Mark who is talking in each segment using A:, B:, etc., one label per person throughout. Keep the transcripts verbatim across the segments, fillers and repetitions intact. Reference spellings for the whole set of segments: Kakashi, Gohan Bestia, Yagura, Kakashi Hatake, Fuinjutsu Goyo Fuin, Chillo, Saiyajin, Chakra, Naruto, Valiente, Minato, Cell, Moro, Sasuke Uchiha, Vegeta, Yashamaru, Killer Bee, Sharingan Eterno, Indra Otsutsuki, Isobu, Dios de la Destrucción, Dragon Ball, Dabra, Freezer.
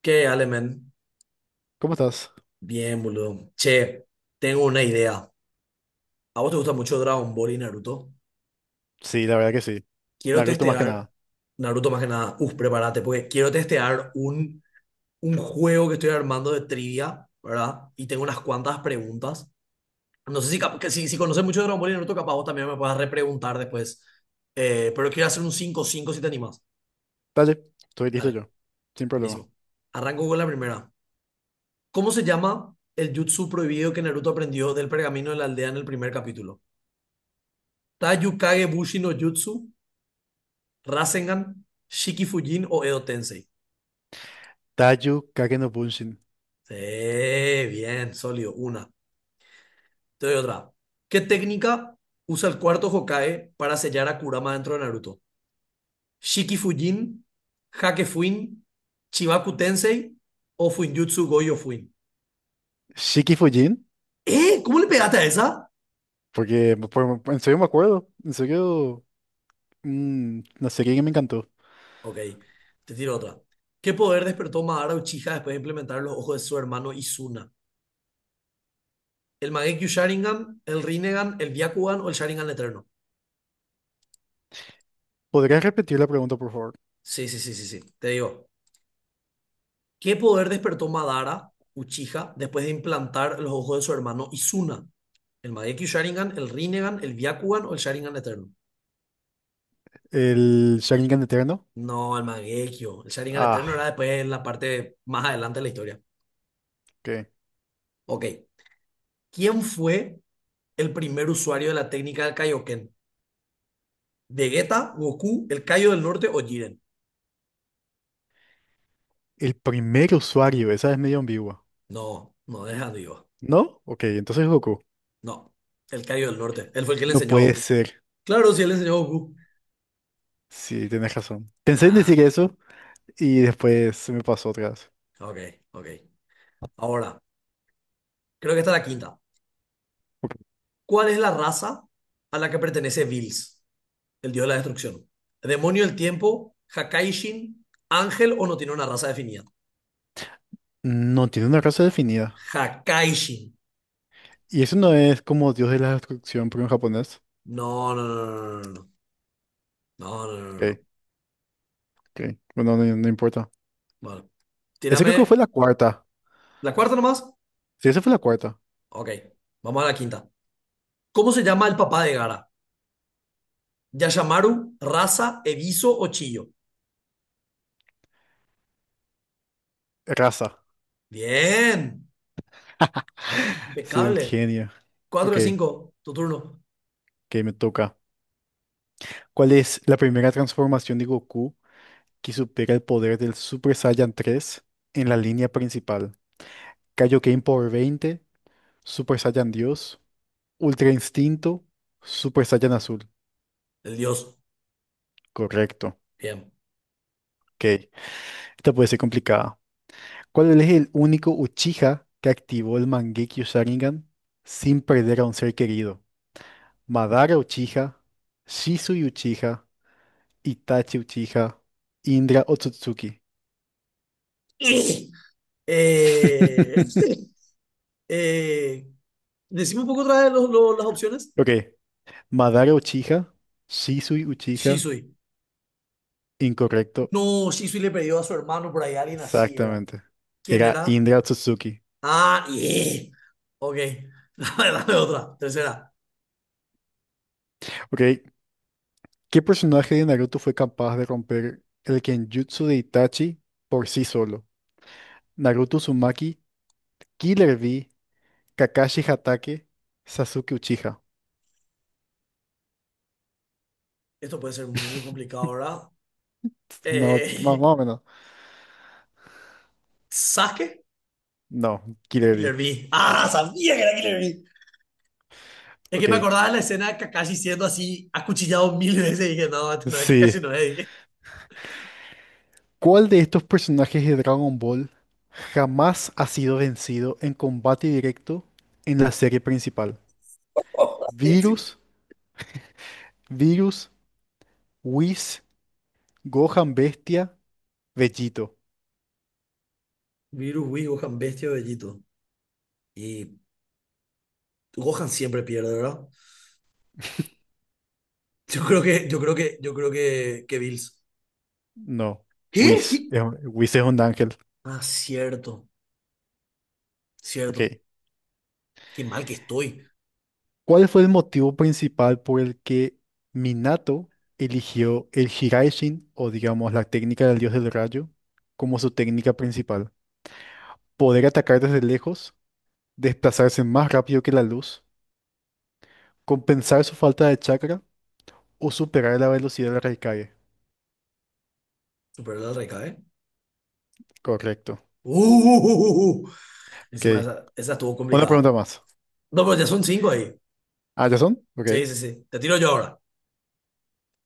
A: ¿Qué, Alemen?
B: ¿Cómo estás?
A: Bien, boludo. Che, tengo una idea. ¿A vos te gusta mucho Dragon Ball y Naruto?
B: Sí, la verdad que sí.
A: Quiero
B: Naruto más que
A: testear,
B: nada.
A: Naruto más que nada, uf, prepárate, porque quiero testear un, un juego que estoy armando de trivia, ¿verdad? Y tengo unas cuantas preguntas. No sé si, cap- que si, si conoces mucho Dragon Ball y Naruto, capaz vos también me puedas repreguntar después. Eh, pero quiero hacer un cinco cinco si te animas.
B: Dale, estoy listo
A: Dale,
B: yo. Sin problema.
A: buenísimo. Arranco con la primera. ¿Cómo se llama el jutsu prohibido que Naruto aprendió del pergamino de la aldea en el primer capítulo? Ta Yukage Bushi no Jutsu, Rasengan, Shiki Fujin o Edo Tensei.
B: Taiyu Kake no Bunshin.
A: Sí, bien, sólido. Una. Te doy otra. ¿Qué técnica usa el cuarto Hokage para sellar a Kurama dentro de Naruto? ¿Shiki Fujin, Hake Fuin, Chibaku Tensei o Fuinjutsu Goyo Fuin?
B: Shiki Fujin.
A: ¿Eh? ¿Cómo le pegaste a esa?
B: Porque por- en serio me acuerdo. En serio, mm, una serie que me encantó.
A: Ok, te tiro otra. ¿Qué poder despertó Madara Uchiha después de implementar los ojos de su hermano Izuna? ¿El Mangekyou Sharingan, el Rinnegan, el Byakugan o el Sharingan Eterno?
B: ¿Podrías repetir la pregunta, por favor?
A: Sí, sí, sí, sí, sí. Te digo, ¿qué poder despertó Madara Uchiha después de implantar los ojos de su hermano Izuna? ¿El Mangekyou Sharingan, el Rinnegan, el Byakugan o el Sharingan Eterno?
B: ¿El Sharingan Eterno?
A: No, el Mangekyou. El Sharingan Eterno era
B: Ah,
A: después en la parte más adelante de la historia.
B: ok.
A: Ok. ¿Quién fue el primer usuario de la técnica del Kaioken? ¿Vegeta, Goku, el Kaio del Norte o Jiren?
B: El primer usuario, esa es medio ambigua.
A: No, no, deja de ir.
B: ¿No? Ok, entonces Goku.
A: No, el Kaio del Norte. Él fue el que le
B: No
A: enseñó a
B: puede
A: Goku.
B: ser.
A: Claro, sí, él le enseñó a Goku.
B: Sí, tienes razón. Pensé en
A: Ah,
B: decir eso y después se me pasó otra vez.
A: ok, ok. Ahora. Creo que esta es la quinta.
B: Ok.
A: ¿Cuál es la raza a la que pertenece Bills, el dios de la destrucción? ¿Demonio del tiempo? ¿Hakaishin? ¿Ángel o no tiene una raza definida?
B: No tiene una raza definida.
A: Hakaishin.
B: Y eso no es como Dios de la Destrucción, pero en japonés.
A: No, no, no, no, no, no, no, no, no,
B: Ok,
A: no.
B: ok. Bueno, no, no importa.
A: Bueno,
B: Ese creo que
A: tírame
B: fue la cuarta.
A: la cuarta nomás.
B: Sí, esa fue la cuarta.
A: Ok, vamos a la quinta. ¿Cómo se llama el papá de Gara? ¿Yashamaru, Raza, Eviso o Chillo?
B: Raza.
A: Bien,
B: Soy un
A: impecable.
B: genio.
A: Cuatro
B: Ok,
A: de cinco. Tu turno.
B: que me toca. ¿Cuál es la primera transformación de Goku que supera el poder del Super Saiyan tres en la línea principal? Kaioken por Veinte, Super Saiyan Dios, Ultra Instinto, Super Saiyan Azul.
A: El dios.
B: Correcto.
A: Bien.
B: Ok, esta puede ser complicada. ¿Cuál es el único Uchiha que activó el Mangekyo Sharingan sin perder a un ser querido? Madara Uchiha, Shisui Uchiha, Itachi Uchiha, Indra Otsutsuki.
A: Eh, Eh, decime un poco otra vez los- los- las opciones.
B: Ok, Madara Uchiha, Shisui Uchiha,
A: Shisui.
B: incorrecto,
A: No, Shisui le perdió a su hermano por ahí, alguien así era.
B: exactamente.
A: ¿Quién
B: Era
A: era?
B: Indra Otsutsuki.
A: Ah, yeah. Ok. Dame, dame otra. Tercera.
B: Ok, ¿qué personaje de Naruto fue capaz de romper el Kenjutsu de Itachi por sí solo? Naruto Uzumaki, Killer V, Kakashi Hatake, Sasuke Uchiha.
A: Esto puede ser muy complicado, ¿verdad?
B: No, más, más
A: Eh,
B: o menos.
A: Sasuke.
B: No,
A: Killer
B: Kirebi.
A: Bee. Ah, sabía que era Killer Bee. Es que
B: Ok.
A: me acordaba de la escena de Kakashi siendo así acuchillado mil veces y dije, no, este no es Kakashi,
B: Sí.
A: no es, dije.
B: ¿Cuál de estos personajes de Dragon Ball jamás ha sido vencido en combate directo en la serie principal? Virus, Virus, Whis, Gohan Bestia, Vegito.
A: Virus Wii, Gohan bestia o Bellito. Y Gohan siempre pierde, ¿verdad? Yo creo que, yo creo que, yo creo que, que Bills.
B: No,
A: ¿Qué?
B: Whis.
A: ¿Qué?
B: es un- Whis es un ángel.
A: Ah, cierto, cierto.
B: Ok.
A: Qué mal que estoy.
B: ¿Cuál fue el motivo principal por el que Minato eligió el Hiraishin, o digamos la técnica del dios del rayo, como su técnica principal? Poder atacar desde lejos, desplazarse más rápido que la luz, compensar su falta de chakra o superar la velocidad de la Raikage.
A: Superó la reca, ¿eh?
B: Correcto.
A: Uh, uh, uh, uh. Encima
B: Ok.
A: esa, esa estuvo
B: Una
A: complicada.
B: pregunta más.
A: No, pero ya son cinco ahí.
B: ¿Ah, ya son? Ok.
A: Sí, sí, sí. Te tiro yo ahora.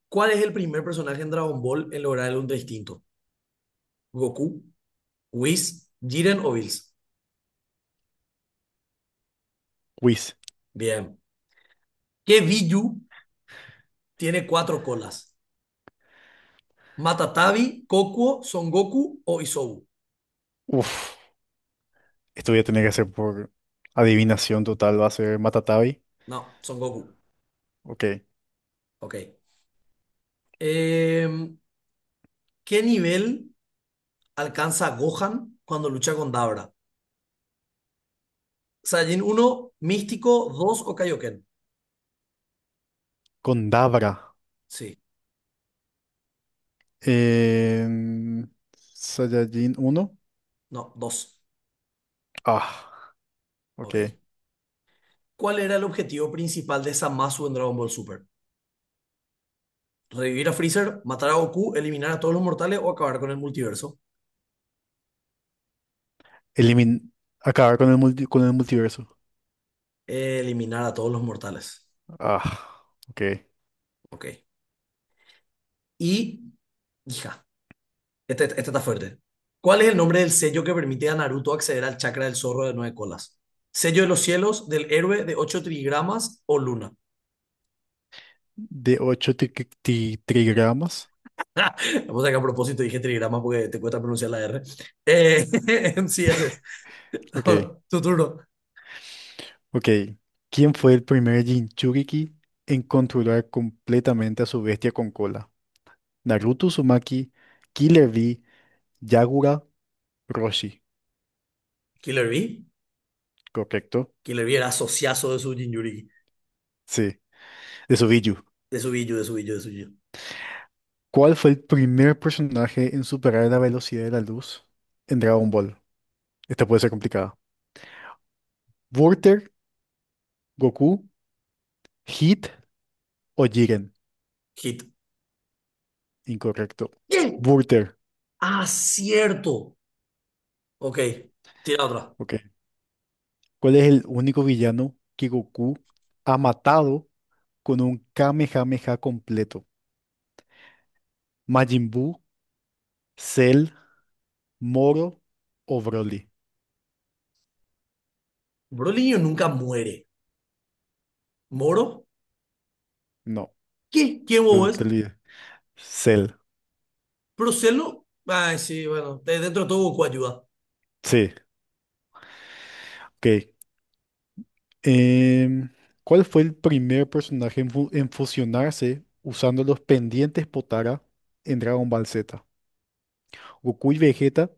A: ¿Cuál es el primer personaje en Dragon Ball en lograr el Ultra Instinto? ¿Goku, Whis, Jiren o Bills?
B: Whis.
A: Bien. ¿Qué Biju tiene cuatro colas? ¿Matatabi, Kokuo, Son Goku o Isobu?
B: Uf. Esto voy a tener que hacer por adivinación total. Va a ser Matatabi.
A: No, Son Goku.
B: Ok.
A: Ok. Eh, ¿qué nivel alcanza Gohan cuando lucha con Dabra? Saiyajin uno Místico, dos o Kaioken.
B: Dabra.
A: Sí,
B: Em, Saiyajin uno,
A: no, dos.
B: Ah, ok.
A: Ok. ¿Cuál era el objetivo principal de Zamasu en Dragon Ball Super? ¿Revivir a Freezer, matar a Goku, eliminar a todos los mortales o acabar con el multiverso?
B: Elimin acabar con el multi- con el multiverso.
A: Eliminar a todos los mortales.
B: Ah, ok.
A: Ok. Y, hija, este, este está fuerte. ¿Cuál es el nombre del sello que permite a Naruto acceder al chakra del zorro de nueve colas? ¿Sello de los cielos, del héroe de ocho trigramas o luna?
B: De ocho tri tri- trigramas.
A: Vamos a sacar a propósito dije trigrama porque te cuesta pronunciar la R. Eh, en C S S.
B: Ok.
A: Tu turno.
B: Ok. ¿Quién fue el primer Jinchuriki en controlar completamente a su bestia con cola? Naruto Uzumaki, Killer Bee, Yagura, Roshi.
A: Killer B.
B: Correcto.
A: Killer B era asociazo de su Jinjuriki.
B: Sí, de Subiyu.
A: De su Biju, de su Biju, de su Biju.
B: ¿Cuál fue el primer personaje en superar la velocidad de la luz en Dragon Ball? Esta puede ser complicada. Wurter, Goku, Hit o Jiren.
A: Hit.
B: Incorrecto.
A: ¿Qué?
B: Wurter.
A: Ah, cierto. Ok. Tira otra.
B: Ok. ¿Cuál es el único villano que Goku ha matado con un Kamehameha completo? ¿Majin Buu, Cell, Moro o Broly?
A: Brolinho nunca muere. ¿Moro?
B: No,
A: ¿Qué? ¿Quién
B: te
A: vos es?
B: te olvidé. Cell.
A: ¿Procelo? Ay, sí, bueno. de- Dentro de todo Goku ayuda.
B: Sí. Ok. Em, ¿cuál fue el primer personaje en, fu- en fusionarse usando los pendientes Potara en Dragon Ball Z? ¿Goku y Vegeta?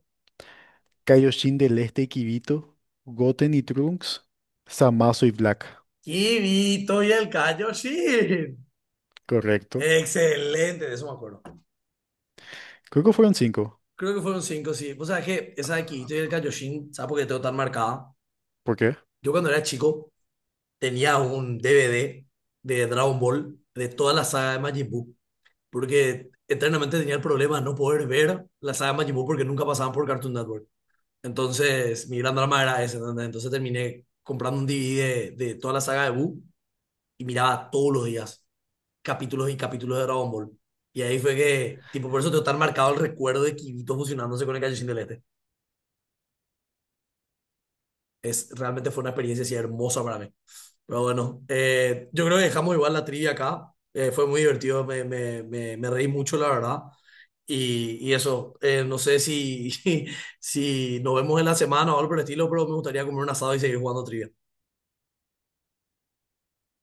B: Kaioshin del Este y Kibito, Goten y Trunks, Zamasu y Black.
A: Kibito y el Kaioshin.
B: Correcto.
A: Excelente, de eso me acuerdo.
B: Creo que fueron cinco.
A: Creo que fueron cinco, sí. Vos sabés que esa de quito y el Kaioshin, ¿sabes por qué tengo tan marcada?
B: ¿Por qué?
A: Yo cuando era chico tenía un D V D de Dragon Ball de toda la saga de Majin Buu, porque eternamente tenía el problema de no poder ver la saga de Majin Buu porque nunca pasaban por Cartoon Network. Entonces, mi gran drama era ese, ¿entendés? Entonces terminé comprando un D V D de, de toda la saga de Buu y miraba todos los días capítulos y capítulos de Dragon Ball. Y ahí fue que, tipo, por eso tengo tan marcado el recuerdo de Kirito fusionándose con el Kaioshin del Este. Es, realmente fue una experiencia así hermosa para mí. Pero bueno, eh, yo creo que dejamos igual la trivia acá. Eh, fue muy divertido, me, me, me, me reí mucho, la verdad. Y, y eso, eh, no sé si, si nos vemos en la semana o algo por el estilo, pero me gustaría comer un asado y seguir jugando trivia.